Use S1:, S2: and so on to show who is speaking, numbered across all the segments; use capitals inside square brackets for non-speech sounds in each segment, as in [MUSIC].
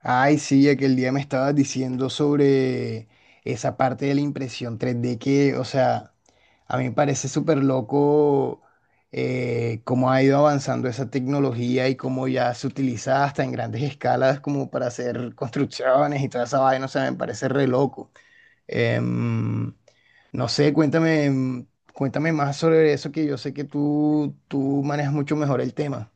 S1: Ay, sí, aquel día me estabas diciendo sobre esa parte de la impresión 3D que, o sea, a mí me parece súper loco cómo ha ido avanzando esa tecnología y cómo ya se utiliza hasta en grandes escalas como para hacer construcciones y toda esa vaina, o sea, me parece re loco. Em, no sé, cuéntame, cuéntame más sobre eso que yo sé que tú manejas mucho mejor el tema.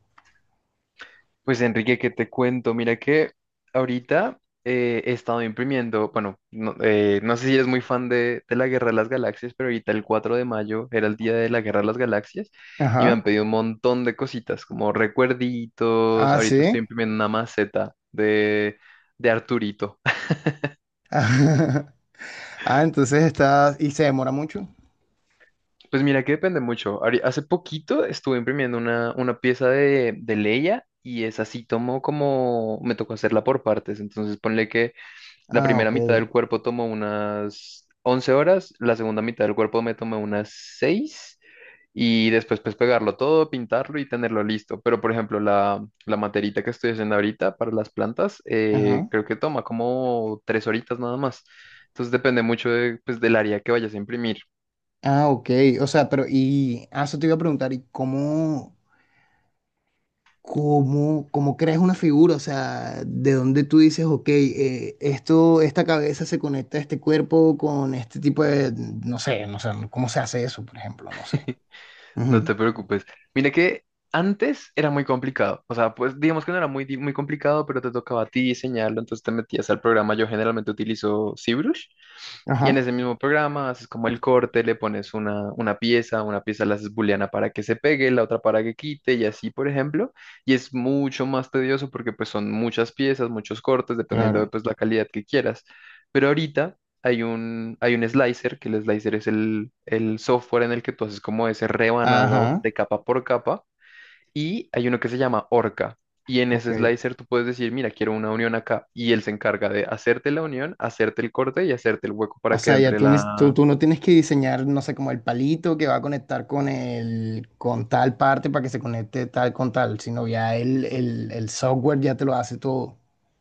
S2: Pues Enrique, ¿qué te cuento? Mira que ahorita he estado imprimiendo, bueno, no, no sé si eres muy fan de la Guerra de las Galaxias, pero ahorita el 4 de mayo era el día de la Guerra de las Galaxias y me han
S1: Ajá.
S2: pedido un montón de cositas, como recuerditos,
S1: Ah,
S2: ahorita estoy
S1: sí.
S2: imprimiendo una maceta de Arturito. [LAUGHS]
S1: [LAUGHS] Ah, entonces está... ¿Y se demora mucho?
S2: Pues mira que depende mucho. Hace poquito estuve imprimiendo una pieza de Leia, y esa sí tomó como, me tocó hacerla por partes, entonces ponle que... La
S1: Ah,
S2: primera
S1: ok.
S2: mitad del cuerpo tomó unas 11 horas, la segunda mitad del cuerpo me tomó unas 6 y después pues pegarlo todo, pintarlo y tenerlo listo. Pero por ejemplo, la materita que estoy haciendo ahorita para las plantas,
S1: Ajá.
S2: creo que toma como 3 horitas nada más. Entonces depende mucho de, pues, del área que vayas a imprimir.
S1: Ah, ok. O sea, pero y ah, eso te iba a preguntar, ¿y cómo creas una figura? O sea, ¿de dónde tú dices, ok, esto, esta cabeza se conecta a este cuerpo con este tipo de, no sé, ¿cómo se hace eso, por ejemplo? No sé.
S2: [LAUGHS] No
S1: Ujú.
S2: te preocupes. Mira que antes era muy complicado. O sea, pues digamos que no era muy, muy complicado, pero te tocaba a ti diseñarlo, entonces te metías al programa. Yo generalmente utilizo ZBrush, y en
S1: Ajá,
S2: ese mismo programa haces como el corte, le pones una pieza la haces booleana para que se pegue, la otra para que quite y así, por ejemplo. Y es mucho más tedioso porque pues son muchas piezas, muchos cortes, dependiendo de
S1: claro.
S2: pues la calidad que quieras. Pero ahorita hay un slicer, que el slicer es el software en el que tú haces como ese rebanado
S1: Ajá,
S2: de capa por capa, y hay uno que se llama Orca. Y en
S1: ok.
S2: ese slicer tú puedes decir, mira, quiero una unión acá. Y él se encarga de hacerte la unión, hacerte el corte y hacerte el hueco
S1: O
S2: para que
S1: sea, ya
S2: entre
S1: tú, tú,
S2: la.
S1: tú no tienes que diseñar, no sé, como el palito que va a conectar con el, con tal parte para que se conecte tal con tal, sino ya el software ya te lo hace todo.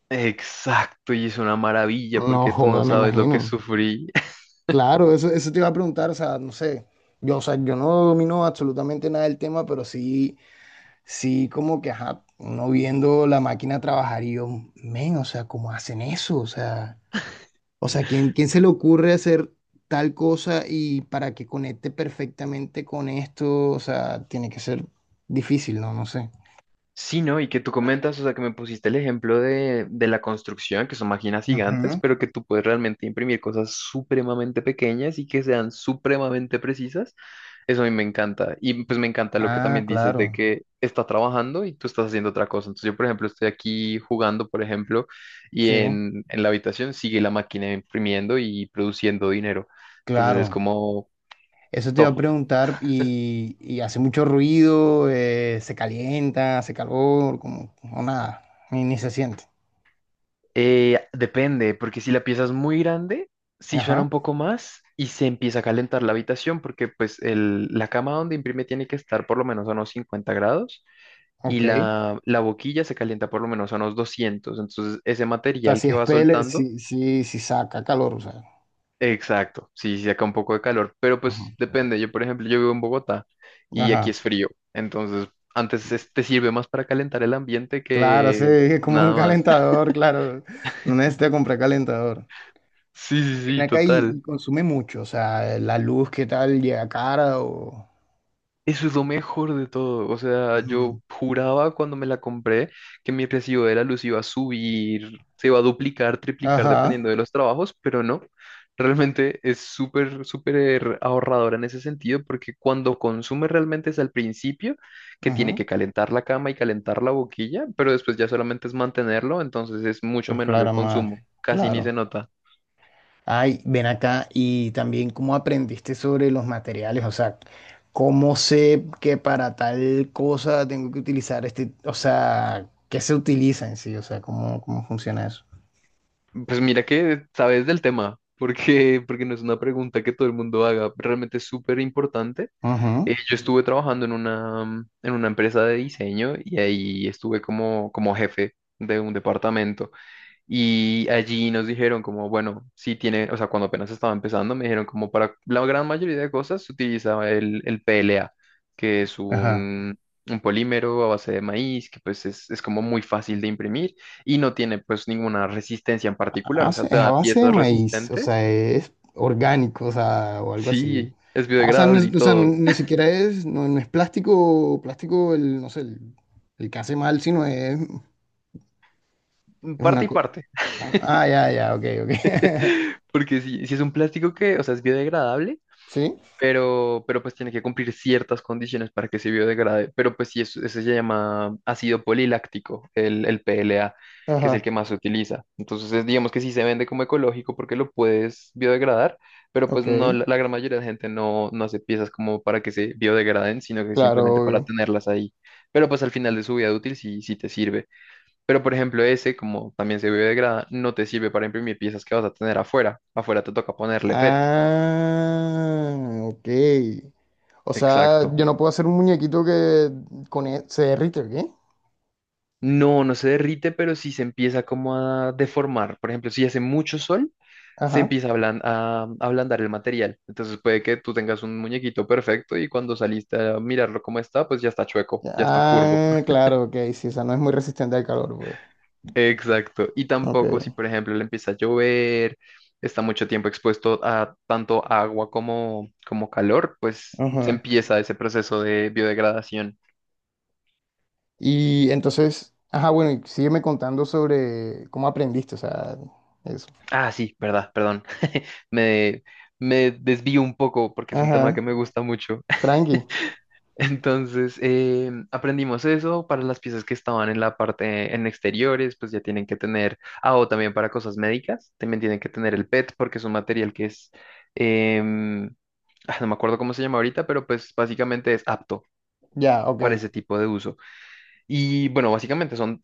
S2: Exacto, y es una maravilla
S1: No
S2: porque tú no
S1: joda, me
S2: sabes lo que
S1: imagino.
S2: sufrí.
S1: Claro, eso te iba a preguntar, o sea, no sé. Yo, o sea, yo no domino absolutamente nada del tema, pero sí, como que, ajá, uno viendo la máquina trabajar y yo, men, o sea, ¿cómo hacen eso? O sea. O sea, quién se le ocurre hacer tal cosa y para que conecte perfectamente con esto? O sea, tiene que ser difícil, ¿no? No sé.
S2: Sí, ¿no? Y que tú comentas, o sea, que me pusiste el ejemplo de la construcción, que son máquinas gigantes,
S1: Ujú.
S2: pero que tú puedes realmente imprimir cosas supremamente pequeñas y que sean supremamente precisas. Eso a mí me encanta. Y pues me encanta lo que
S1: Ah,
S2: también dices de
S1: claro.
S2: que está trabajando y tú estás haciendo otra cosa. Entonces yo, por ejemplo, estoy aquí jugando, por ejemplo, y
S1: Sí,
S2: en la habitación sigue la máquina imprimiendo y produciendo dinero. Entonces es
S1: claro.
S2: como
S1: Eso te iba
S2: top.
S1: a preguntar y hace mucho ruido, se calienta, hace calor, como o nada, ni se siente.
S2: Depende, porque si la pieza es muy grande, sí suena
S1: Ajá,
S2: un poco más y se empieza a calentar la habitación, porque pues la cama donde imprime tiene que estar por lo menos a unos 50 grados y
S1: ok.
S2: la boquilla se calienta por lo menos a unos 200. Entonces, ese
S1: O sea,
S2: material
S1: si
S2: que
S1: es
S2: va
S1: pele,
S2: soltando,
S1: si saca calor, o sea.
S2: exacto, sí, sí saca un poco de calor, pero pues
S1: Ajá.
S2: depende. Yo, por ejemplo, yo vivo en Bogotá y aquí
S1: Ajá.
S2: es frío, entonces antes te sirve más para calentar el ambiente
S1: Claro, sí,
S2: que
S1: es como un
S2: nada más. [LAUGHS]
S1: calentador, claro. No necesito comprar calentador.
S2: Sí,
S1: Y
S2: sí,
S1: ven
S2: sí,
S1: acá
S2: total.
S1: y consume mucho, o sea, la luz, ¿qué tal? Llega cara o...
S2: Eso es lo mejor de todo. O sea, yo
S1: Ujú.
S2: juraba cuando me la compré que mi recibo de la luz iba a subir, se iba a duplicar, triplicar
S1: Ajá,
S2: dependiendo de los trabajos, pero no. Realmente es súper, súper ahorradora en ese sentido porque cuando consume realmente es al principio, que tiene
S1: ajá.
S2: que calentar la cama y calentar la boquilla, pero después ya solamente es mantenerlo, entonces es mucho
S1: Entonces,
S2: menor el
S1: claro, más,
S2: consumo, casi ni se
S1: claro.
S2: nota.
S1: Ay, ven acá y también cómo aprendiste sobre los materiales, o sea, cómo sé que para tal cosa tengo que utilizar este, o sea, qué se utiliza en sí, o sea, cómo funciona eso.
S2: Pues mira que sabes del tema, porque no es una pregunta que todo el mundo haga, realmente es súper importante.
S1: Ajá,
S2: Yo estuve trabajando en una empresa de diseño, y ahí estuve como jefe de un departamento. Y allí nos dijeron como, bueno, si tiene, o sea, cuando apenas estaba empezando, me dijeron como para la gran mayoría de cosas se utilizaba el PLA, que es
S1: ajá.
S2: un polímero a base de maíz, que pues es como muy fácil de imprimir y no tiene pues ninguna resistencia en particular,
S1: Ah,
S2: o sea,
S1: sí,
S2: te
S1: es a
S2: da
S1: base de
S2: piezas
S1: maíz, o
S2: resistentes.
S1: sea, es orgánico, o sea, o algo así.
S2: Sí, es
S1: Ah, o sea, no,
S2: biodegradable y
S1: o sea,
S2: todo,
S1: ni siquiera es, no, no es plástico, plástico, el, no sé, el que hace mal, sino es
S2: [LAUGHS]
S1: una
S2: parte y
S1: cosa.
S2: parte,
S1: Ah, ya, ya, ok, ok.
S2: [LAUGHS]
S1: [LAUGHS]
S2: porque si es un plástico que, o sea, es biodegradable,
S1: Sí,
S2: pero pues tiene que cumplir ciertas condiciones para que se biodegrade. Pero pues sí, eso se llama ácido poliláctico, el PLA, que es el que
S1: ajá,
S2: más se utiliza. Entonces, digamos que sí se vende como ecológico porque lo puedes biodegradar, pero pues
S1: ok,
S2: no, la gran mayoría de gente no hace piezas como para que se biodegraden, sino que
S1: claro,
S2: simplemente para
S1: obvio.
S2: tenerlas ahí. Pero pues al final de su vida útil sí, sí te sirve. Pero por ejemplo, ese, como también se biodegrada, no te sirve para imprimir piezas que vas a tener afuera. Afuera te toca ponerle PET.
S1: Ah, ok. O sea, yo
S2: Exacto.
S1: no puedo hacer un muñequito que con se derrite, ¿o ¿qué?
S2: No, no se derrite, pero sí se empieza como a deformar. Por ejemplo, si hace mucho sol, se
S1: Ajá.
S2: empieza a ablandar el material. Entonces puede que tú tengas un muñequito perfecto y cuando saliste a mirarlo como está, pues ya está chueco, ya está curvo.
S1: Ah, claro, ok, sí, o sea, no es muy resistente al calor, pues.
S2: Exacto. Y
S1: Ok.
S2: tampoco si, por ejemplo, le empieza a llover, está mucho tiempo expuesto a tanto agua como, como calor, pues se
S1: Ajá.
S2: empieza ese proceso de biodegradación.
S1: Y entonces, ajá, bueno, y sígueme contando sobre cómo aprendiste, o sea, eso.
S2: Ah, sí, verdad, perdón. [LAUGHS] Me, me desvío un poco porque es un tema que
S1: Ajá,
S2: me gusta mucho. [LAUGHS]
S1: tranqui.
S2: Entonces, aprendimos eso para las piezas que estaban en la parte en exteriores, pues ya tienen que tener, ah, o también para cosas médicas, también tienen que tener el PET porque es un material que es, em, ah, no me acuerdo cómo se llama ahorita, pero pues básicamente es apto
S1: Ya, ok.
S2: para ese tipo de uso. Y bueno, básicamente son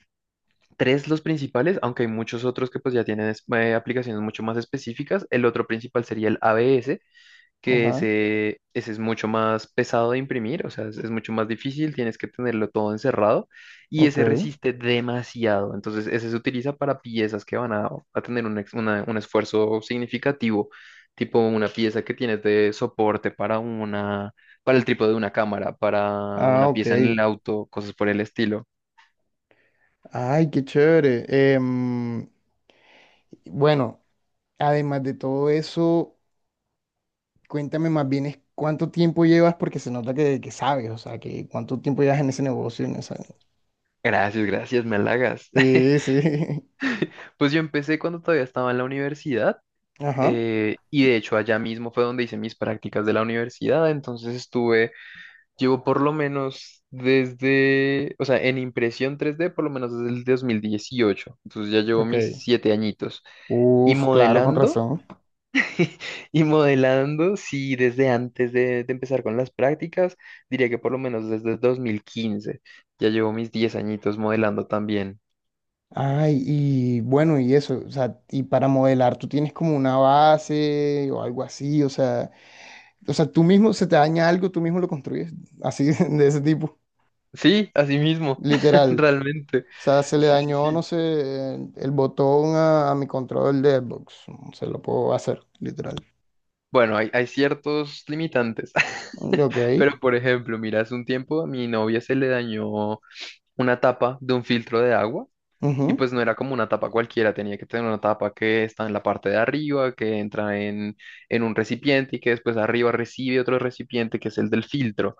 S2: tres los principales, aunque hay muchos otros que pues ya tienen aplicaciones mucho más específicas. El otro principal sería el ABS, que
S1: Ajá,
S2: ese es mucho más pesado de imprimir, o sea, es mucho más difícil, tienes que tenerlo todo encerrado y ese
S1: ok.
S2: resiste demasiado. Entonces, ese se utiliza para piezas que van a tener un esfuerzo significativo, tipo una pieza que tienes de soporte para una, para el trípode de una cámara, para
S1: Ah,
S2: una
S1: ok.
S2: pieza en el auto, cosas por el estilo.
S1: Ay, qué chévere. Em, bueno, además de todo eso, cuéntame más bien es cuánto tiempo llevas, porque se nota que sabes, o sea, que cuánto tiempo llevas en ese negocio, en esa...
S2: Gracias, gracias, me halagas.
S1: Sí,
S2: [LAUGHS]
S1: sí.
S2: Pues yo empecé cuando todavía estaba en la universidad,
S1: [LAUGHS] Ajá,
S2: y de hecho allá mismo fue donde hice mis prácticas de la universidad, entonces estuve, llevo por lo menos desde, o sea, en impresión 3D por lo menos desde el 2018, entonces ya llevo
S1: ok.
S2: mis 7 añitos. Y
S1: Uf, claro, con
S2: modelando,
S1: razón.
S2: [LAUGHS] y modelando, sí, desde antes de empezar con las prácticas, diría que por lo menos desde 2015 ya llevo mis 10 añitos modelando también.
S1: Ay, y bueno, y eso, o sea, y para modelar tú tienes como una base o algo así, o sea, tú mismo se te daña algo, tú mismo lo construyes, así [LAUGHS] de ese tipo,
S2: Sí, así mismo, [LAUGHS]
S1: literal.
S2: realmente.
S1: O sea, se le
S2: Sí, sí,
S1: dañó, no
S2: sí.
S1: sé, el botón a mi control de Xbox, mm, se lo puedo hacer, literal.
S2: Bueno, hay ciertos limitantes,
S1: Ok,
S2: [LAUGHS] pero por ejemplo, mira, hace un tiempo a mi novia se le dañó una tapa de un filtro de agua, y
S1: ujú,
S2: pues no era como una tapa cualquiera, tenía que tener una tapa que está en la parte de arriba, que entra en un recipiente y que después arriba recibe otro recipiente, que es el del filtro.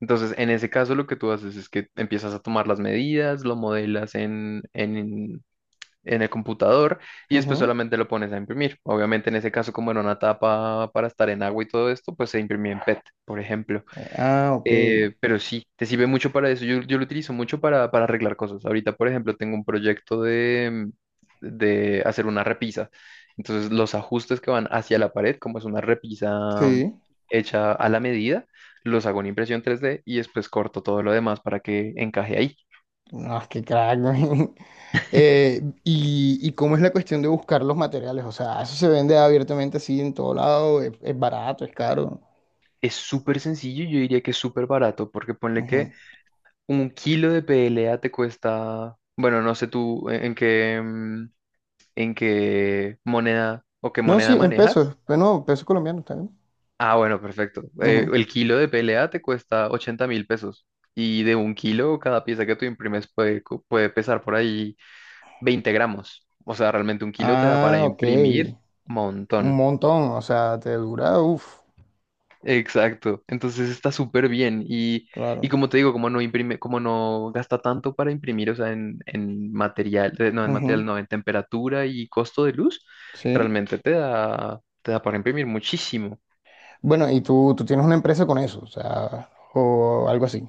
S2: Entonces, en ese caso lo que tú haces es que empiezas a tomar las medidas, lo modelas en el computador y después
S1: ujú.
S2: solamente lo pones a imprimir. Obviamente en ese caso, como era una tapa para estar en agua y todo esto, pues se imprimía en PET, por ejemplo.
S1: Ah, ok,
S2: Pero sí, te sirve mucho para eso. Yo lo utilizo mucho para arreglar cosas. Ahorita, por ejemplo, tengo un proyecto de hacer una repisa. Entonces, los ajustes que van hacia la pared, como es una repisa
S1: sí.
S2: hecha a la medida, los hago en impresión 3D y después corto todo lo demás para que encaje ahí.
S1: No, qué crack, güey. [LAUGHS]
S2: [LAUGHS]
S1: Y cómo es la cuestión de buscar los materiales, o sea, eso se vende abiertamente así en todo lado, es barato, es caro.
S2: Es súper sencillo y yo diría que es súper barato, porque ponle
S1: Ujú.
S2: que un kilo de PLA te cuesta, bueno, no sé tú en qué moneda o qué
S1: No, sí,
S2: moneda
S1: en
S2: manejas.
S1: pesos, pero no, pesos colombianos también.
S2: Ah, bueno, perfecto.
S1: Ujú.
S2: El kilo de PLA te cuesta 80.000 pesos, y de un kilo cada pieza que tú imprimes puede pesar por ahí 20 gramos. O sea, realmente un kilo te da para
S1: Ah, ok,
S2: imprimir
S1: un
S2: montón.
S1: montón, o sea, te dura, uff,
S2: Exacto. Entonces está súper bien. Y
S1: claro.
S2: como te digo, como no imprime, como no gasta tanto para imprimir, o sea, en material, no, en
S1: Ujú,
S2: material, no, en temperatura y costo de luz,
S1: sí.
S2: realmente te da para imprimir muchísimo.
S1: Bueno, y tú tienes una empresa con eso, o sea, o algo así.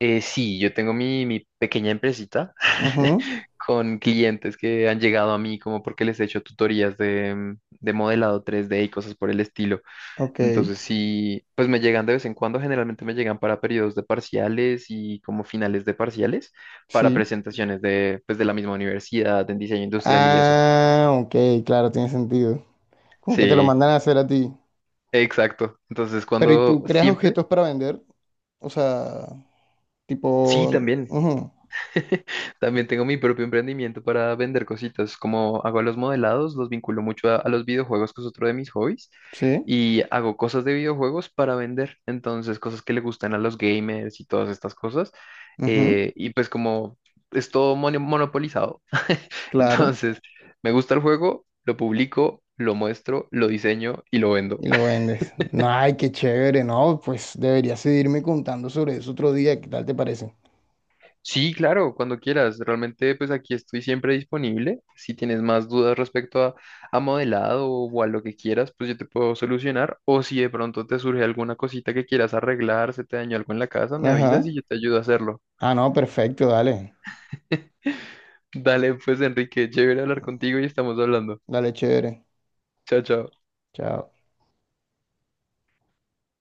S2: Sí, yo tengo mi pequeña empresita
S1: Ujú,
S2: [LAUGHS] con clientes que han llegado a mí como porque les he hecho tutorías de modelado 3D y cosas por el estilo.
S1: ok,
S2: Entonces sí, pues me llegan de vez en cuando, generalmente me llegan para periodos de parciales y como finales de parciales, para
S1: sí.
S2: presentaciones de, pues, de la misma universidad, en diseño industrial y eso.
S1: Ah, ok, claro, tiene sentido. Como que te lo
S2: Sí,
S1: mandan a hacer a ti.
S2: exacto. Entonces
S1: Pero ¿y
S2: cuando
S1: tú creas
S2: siempre,
S1: objetos para vender? O sea,
S2: sí,
S1: tipo, sí,
S2: también.
S1: también. Ujú,
S2: [LAUGHS] También tengo mi propio emprendimiento para vender cositas, como hago los modelados, los vinculo mucho a los videojuegos, que es otro de mis hobbies,
S1: sí,
S2: y hago cosas de videojuegos para vender, entonces cosas que le gustan a los gamers y todas estas cosas,
S1: ujú,
S2: y pues como es todo monopolizado, [LAUGHS]
S1: claro,
S2: entonces me gusta el juego, lo publico, lo muestro, lo diseño y lo vendo.
S1: y lo vendes. Ay, qué chévere, ¿no? Pues deberías seguirme contando sobre eso otro día, ¿qué tal te parece?
S2: Sí, claro, cuando quieras. Realmente, pues aquí estoy siempre disponible. Si tienes más dudas respecto a modelado o a lo que quieras, pues yo te puedo solucionar. O si de pronto te surge alguna cosita que quieras arreglar, se te dañó algo en la casa, me avisas
S1: Ajá.
S2: y yo te ayudo a hacerlo.
S1: Ah, no, perfecto, dale,
S2: [LAUGHS] Dale, pues Enrique, chévere hablar contigo y estamos hablando.
S1: dale, chévere.
S2: Chao, chao.
S1: Chao.